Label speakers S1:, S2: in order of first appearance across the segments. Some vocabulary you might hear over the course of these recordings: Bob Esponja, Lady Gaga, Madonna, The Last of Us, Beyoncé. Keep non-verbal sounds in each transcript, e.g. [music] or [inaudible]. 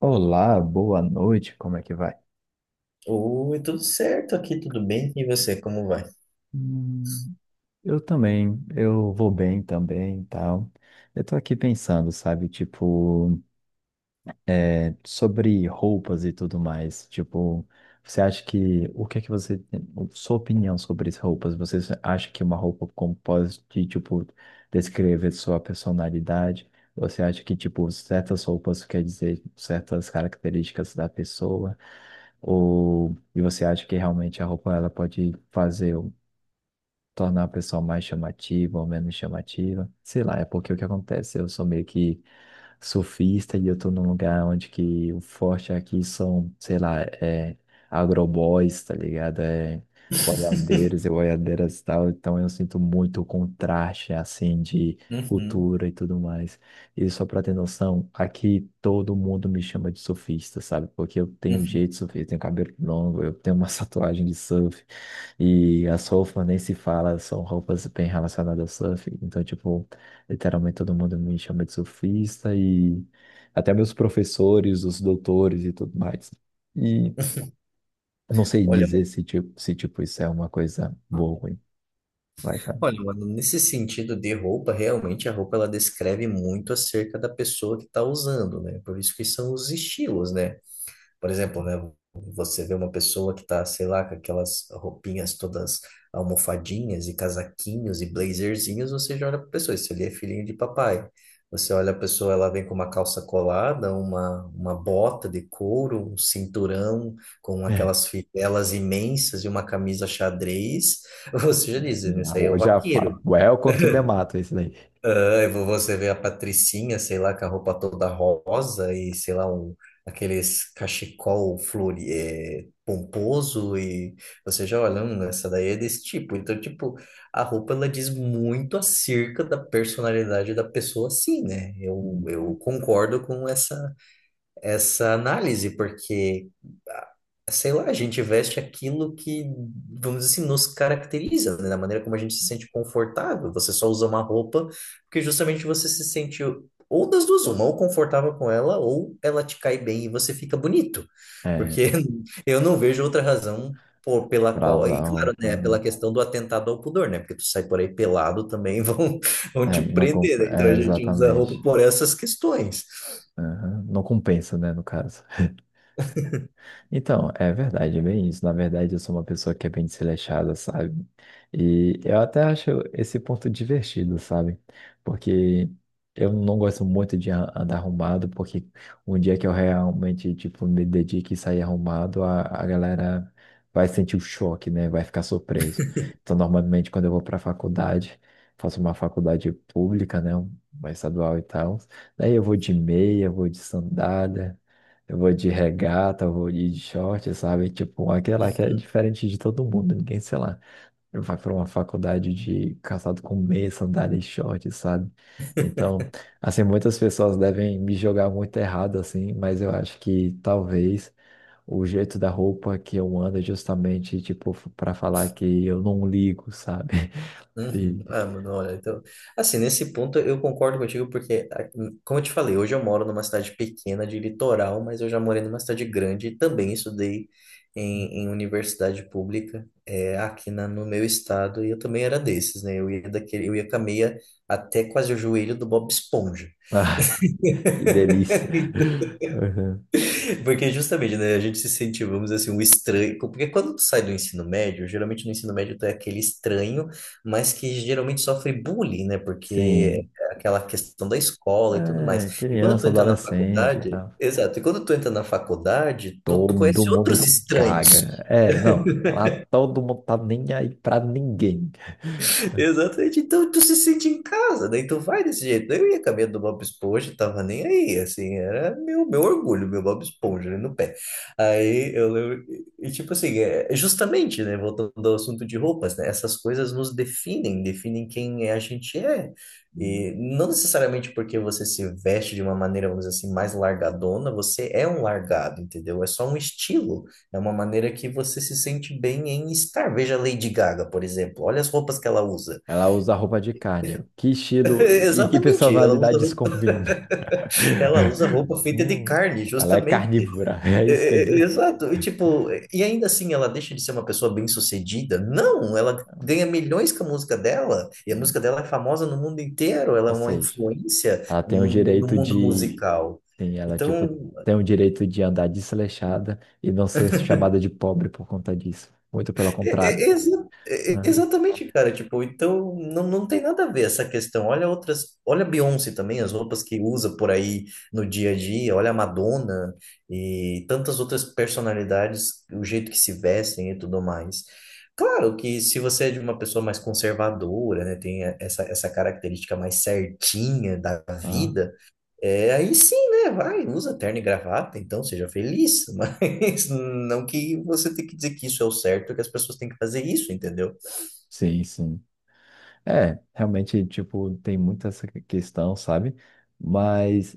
S1: Olá, boa noite, como é que vai?
S2: Oi, tudo certo aqui, tudo bem? E você, como vai?
S1: Hum, eu também, eu vou bem também e tal. Eu tô aqui pensando, sabe, tipo, é, sobre roupas e tudo mais. Tipo, você acha que, o que é que você, sua opinião sobre as roupas? Você acha que uma roupa como pode, tipo, descrever sua personalidade? Você acha que, tipo, certas roupas quer dizer certas características da pessoa? Ou e você acha que realmente a roupa ela pode fazer ou tornar a pessoa mais chamativa ou menos chamativa? Sei lá, é porque o que acontece, eu sou meio que surfista e eu tô num lugar onde que o forte aqui são, sei lá, é agroboys, tá ligado? É boiadeiros e
S2: [laughs]
S1: boiadeiras e tal. Então eu sinto muito o contraste, assim, de
S2: Uhum,
S1: cultura e tudo mais. E só pra ter noção, aqui todo mundo me chama de surfista, sabe? Porque eu tenho um
S2: uhum.
S1: jeito de surfista, eu tenho cabelo longo, eu tenho uma [laughs] tatuagem de surf. E as roupas nem se fala, são roupas bem relacionadas ao surf. Então, tipo, literalmente todo mundo me chama de surfista e até meus professores, os doutores e tudo mais. E não sei
S2: Olha,
S1: dizer se tipo, se, tipo isso é uma coisa boa ou ruim. Vai, Fábio.
S2: mano, nesse sentido de roupa, realmente a roupa ela descreve muito acerca da pessoa que está usando, né? Por isso que são os estilos, né? Por exemplo, né, você vê uma pessoa que tá, sei lá, com aquelas roupinhas todas almofadinhas e casaquinhos e blazerzinhos, você já olha pra pessoa, isso ali é filhinho de papai. Você olha a pessoa, ela vem com uma calça colada, uma bota de couro, um cinturão com
S1: É.
S2: aquelas fivelas imensas e uma camisa xadrez, [laughs] você já diz,
S1: Já,
S2: isso aí é o
S1: já
S2: vaqueiro.
S1: fala. Welcome to the mato, esse daí.
S2: Ah, você vê a Patricinha, sei lá, com a roupa toda rosa e, sei lá, um, aqueles cachecol flori, é, pomposo e você já olha, essa daí é desse tipo. Então, tipo, a roupa, ela diz muito acerca da personalidade da pessoa, sim, né? Eu,
S1: Uhum.
S2: eu concordo com essa análise, porque, ah, sei lá, a gente veste aquilo que, vamos dizer assim, nos caracteriza, né? Da maneira como a gente se sente confortável. Você só usa uma roupa porque justamente você se sente ou das duas, uma, ou confortável com ela, ou ela te cai bem e você fica bonito.
S1: É,
S2: Porque [laughs] eu não vejo outra razão pela
S1: pra
S2: qual.
S1: usar
S2: E claro, né?
S1: roupa.
S2: Pela questão do atentado ao pudor, né? Porque tu sai por aí pelado também [laughs] vão te
S1: É, não,
S2: prender, né? Então
S1: é,
S2: a gente usa a roupa
S1: exatamente.
S2: por essas questões.
S1: Aham. Não compensa, né, no caso. Então, é verdade, é bem isso. Na verdade, eu sou uma pessoa que é bem desleixada, sabe? E eu até acho esse ponto divertido, sabe? Porque eu não gosto muito de andar arrumado, porque um dia que eu realmente, tipo, me dedique e sair arrumado, a galera vai sentir o choque, né? Vai ficar surpreso. Então, normalmente, quando eu vou pra faculdade, faço uma faculdade pública, né? Uma estadual e tal. Daí eu vou de meia, vou de sandália. Eu vou de regata, eu vou de short, sabe? Tipo, aquela que é
S2: Uhum.
S1: diferente de todo mundo, ninguém, sei lá, vai para uma faculdade de calçado com meia, sandália e short, sabe? Então, assim, muitas pessoas devem me jogar muito errado, assim, mas eu acho que talvez o jeito da roupa que eu ando é justamente, tipo, para falar que eu não ligo, sabe? [laughs] E,
S2: Uhum. Ah, mano, olha, então, assim, nesse ponto eu concordo contigo, porque, ah, como eu te falei, hoje eu moro numa cidade pequena de litoral, mas eu já morei numa cidade grande e também estudei em, em universidade pública, é, aqui na, no meu estado, e eu também era desses, né? Eu ia daquele, eu ia com a meia até quase o joelho do Bob Esponja.
S1: ah, que delícia.
S2: [laughs]
S1: [laughs] Uhum.
S2: [laughs] Porque justamente, né, a gente se sente, vamos dizer assim, um estranho. Porque quando tu sai do ensino médio, geralmente no ensino médio tu é aquele estranho, mas que geralmente sofre bullying, né? Porque
S1: Sim.
S2: é aquela questão da escola e tudo
S1: É,
S2: mais. E quando tu
S1: criança,
S2: entra na
S1: adolescente e
S2: faculdade,
S1: tal.
S2: exato, e quando tu entra na faculdade, tu
S1: Todo
S2: conhece outros
S1: mundo
S2: estranhos.
S1: caga. É, não. Lá todo mundo tá nem aí pra ninguém.
S2: Exatamente. Então tu se sente em casa, né, então vai desse jeito. Eu ia caminhando do Bob Esponja, tava nem aí, assim, era meu orgulho, meu Bob Esponja ali no pé. Aí eu lembro, e tipo assim, é, é justamente, né, voltando ao assunto de roupas, né, essas coisas nos definem, definem quem é, a gente é. E não necessariamente porque você se veste de uma maneira, vamos dizer assim, mais largadona, você é um largado, entendeu? É só um estilo, é uma maneira que você se sente bem em estar. Veja a Lady Gaga, por exemplo. Olha as roupas que ela usa.
S1: Ela usa roupa de carne. Que
S2: [laughs]
S1: estilo e que
S2: Exatamente,
S1: personalidade isso combina?
S2: ela usa
S1: [laughs]
S2: roupa feita de carne,
S1: Ela é
S2: justamente.
S1: carnívora, [laughs] é isso que quer dizer?
S2: Exato. E tipo, e ainda assim ela deixa de ser uma pessoa bem-sucedida? Não, ela ganha milhões com a música dela, e a música
S1: Hum,
S2: dela é famosa no mundo inteiro, ela é
S1: Ou
S2: uma
S1: seja,
S2: influência
S1: ela tem o
S2: no
S1: direito
S2: mundo
S1: de.
S2: musical.
S1: Tem, ela, tipo,
S2: Então,
S1: tem o direito de andar desleixada e não ser chamada de pobre por conta disso. Muito pelo contrário. Aham.
S2: Exatamente, cara. Tipo, então não tem nada a ver essa questão. Olha outras, olha a Beyoncé também, as roupas que usa por aí no dia a dia, olha a Madonna e tantas outras personalidades, o jeito que se vestem e tudo mais. Claro que se você é de uma pessoa mais conservadora, né, tem essa característica mais certinha da
S1: Ah,
S2: vida. É, aí sim, né? Vai, usa terno e gravata, então seja feliz, [laughs] mas não que você tenha que dizer que isso é o certo, que as pessoas têm que fazer isso, entendeu?
S1: sim, sim. É, realmente, tipo, tem muita essa questão, sabe? Mas,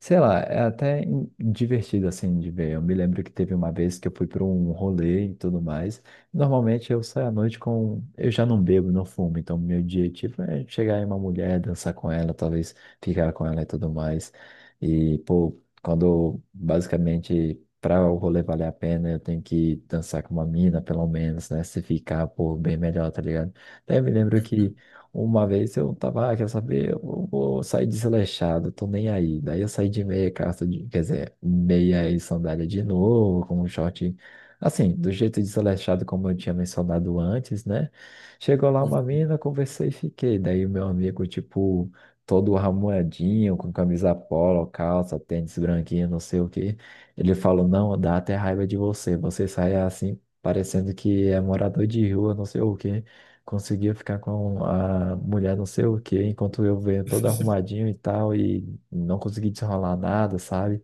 S1: sei lá, é até divertido, assim, de ver. Eu me lembro que teve uma vez que eu fui para um rolê e tudo mais. Normalmente eu saio à noite com... Eu já não bebo, não fumo, então meu objetivo é chegar em uma mulher, dançar com ela, talvez ficar com ela e tudo mais. E, pô, quando, basicamente... Para o rolê valer a pena, eu tenho que dançar com uma mina, pelo menos, né? Se ficar, pô, bem melhor, tá ligado? Daí eu me lembro que
S2: Uhum,
S1: uma vez eu tava, ah, quer saber? Eu vou sair desleixado, tô nem aí. Daí eu saí de meia calça, de, quer dizer, meia e sandália de novo, com um short. Assim, do jeito desleixado como eu tinha mencionado antes, né? Chegou lá uma
S2: uhum,
S1: mina, conversei e fiquei. Daí o meu amigo, tipo, todo ramoadinho com camisa polo, calça, tênis branquinho, não sei o quê. Ele falou, não, dá até raiva de você. Você sai assim, parecendo que é morador de rua, não sei o quê conseguia ficar com a mulher não sei o quê, enquanto eu venho todo arrumadinho e tal, e não consegui desenrolar nada, sabe?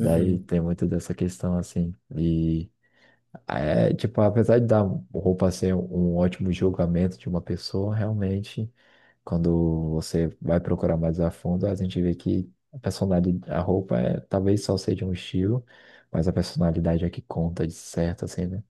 S1: Daí tem muito dessa questão assim. E é, tipo, apesar de dar roupa ser um ótimo julgamento de uma pessoa, realmente, quando você vai procurar mais a fundo, a gente vê que a personalidade, a roupa é, talvez só seja um estilo, mas a personalidade é que conta de certo, assim, né?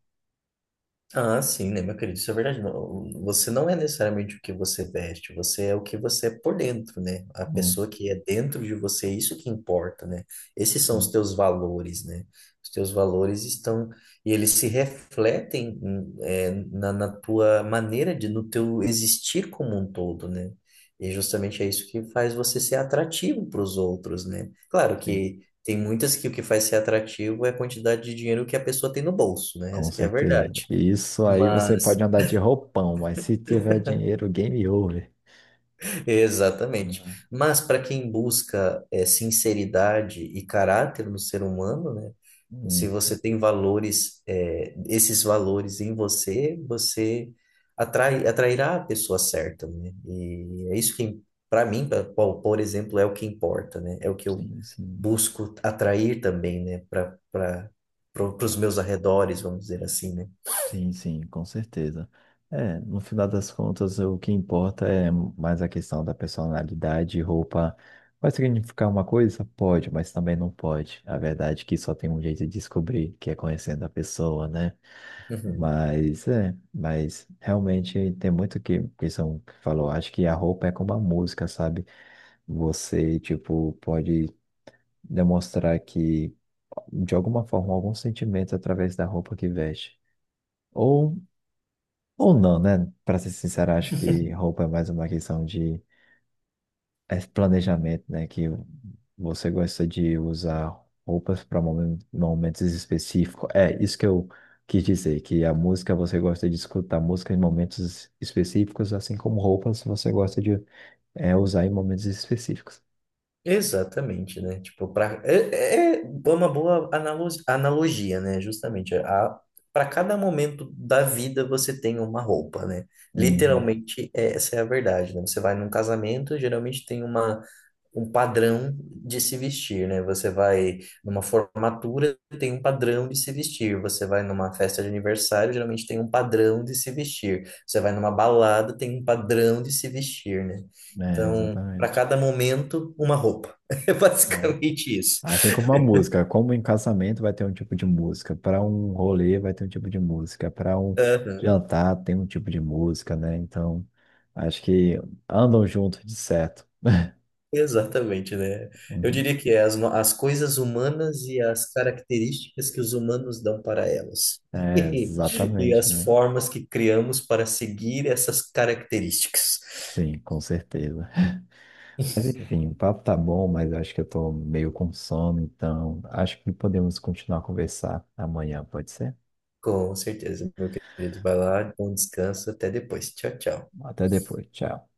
S2: Ah, sim, né, meu querido? Isso é verdade. Não, você não é necessariamente o que você veste, você é o que você é por dentro, né? A
S1: Hum,
S2: pessoa que é dentro de você, é isso que importa, né? Esses são os
S1: hum,
S2: teus valores, né? Os teus valores estão e eles se refletem é, na tua maneira de, no teu existir como um todo, né? E justamente é isso que faz você ser atrativo para os outros, né? Claro
S1: sim.
S2: que tem muitas que o que faz ser atrativo é a quantidade de dinheiro que a pessoa tem no bolso, né?
S1: Com
S2: Essa que é a
S1: certeza.
S2: verdade.
S1: E isso aí você pode
S2: Mas,
S1: andar de roupão, mas se tiver dinheiro, game over.
S2: exatamente.
S1: Né?
S2: Mas para quem busca é, sinceridade e caráter no ser humano, né? Se
S1: Hum,
S2: você tem valores, é, esses valores em você, você atrairá a pessoa certa, né? E é isso que, para mim, por exemplo, é o que importa, né? É o que eu
S1: sim, sim.
S2: busco atrair também, né? Para os meus arredores, vamos dizer assim, né?
S1: Sim, sim, com certeza. É, no final das contas, o que importa é mais a questão da personalidade. Roupa vai significar uma coisa? Pode, mas também não pode. A verdade é que só tem um jeito de descobrir, que é conhecendo a pessoa, né?
S2: Uhum.
S1: Mas é, mas realmente tem muito que são que falou. Acho que a roupa é como a música, sabe? Você, tipo, pode demonstrar que, de alguma forma, algum sentimento através da roupa que veste. Ou, ou não, né? Para ser sincero, acho que
S2: [laughs]
S1: roupa é mais uma questão de é planejamento, né? Que você gosta de usar roupas para momentos específicos. É isso que eu quis dizer, que a música você gosta de escutar música em momentos específicos, assim como roupas você gosta de é, usar em momentos específicos.
S2: Exatamente, né? Tipo, pra, é uma boa analogia, né? Justamente, a, para cada momento da vida você tem uma roupa, né?
S1: Uhum.
S2: Literalmente, essa é a verdade, né? Você vai num casamento, geralmente tem uma um padrão de se vestir, né? Você vai numa formatura, tem um padrão de se vestir. Você vai numa festa de aniversário, geralmente tem um padrão de se vestir. Você vai numa balada, tem um padrão de se vestir, né?
S1: É,
S2: Então, para
S1: exatamente.
S2: cada momento, uma roupa. [laughs] É
S1: É.
S2: basicamente isso.
S1: Assim como uma música, como em casamento vai ter um tipo de música, para um rolê vai ter um tipo de música, para um
S2: Aham.
S1: jantar tem um tipo de música, né? Então, acho que andam juntos de certo. [laughs]
S2: Exatamente, né? Eu
S1: Uhum.
S2: diria que é as, no- as coisas humanas e as características que os humanos dão para elas.
S1: É,
S2: [laughs] E
S1: exatamente,
S2: as
S1: né?
S2: formas que criamos para seguir essas características.
S1: Sim, com certeza. Mas enfim, o papo tá bom, mas eu acho que eu tô meio com sono, então acho que podemos continuar a conversar amanhã, pode ser?
S2: Com certeza, meu querido. Vai lá, bom descanso, até depois. Tchau, tchau.
S1: Até depois, tchau.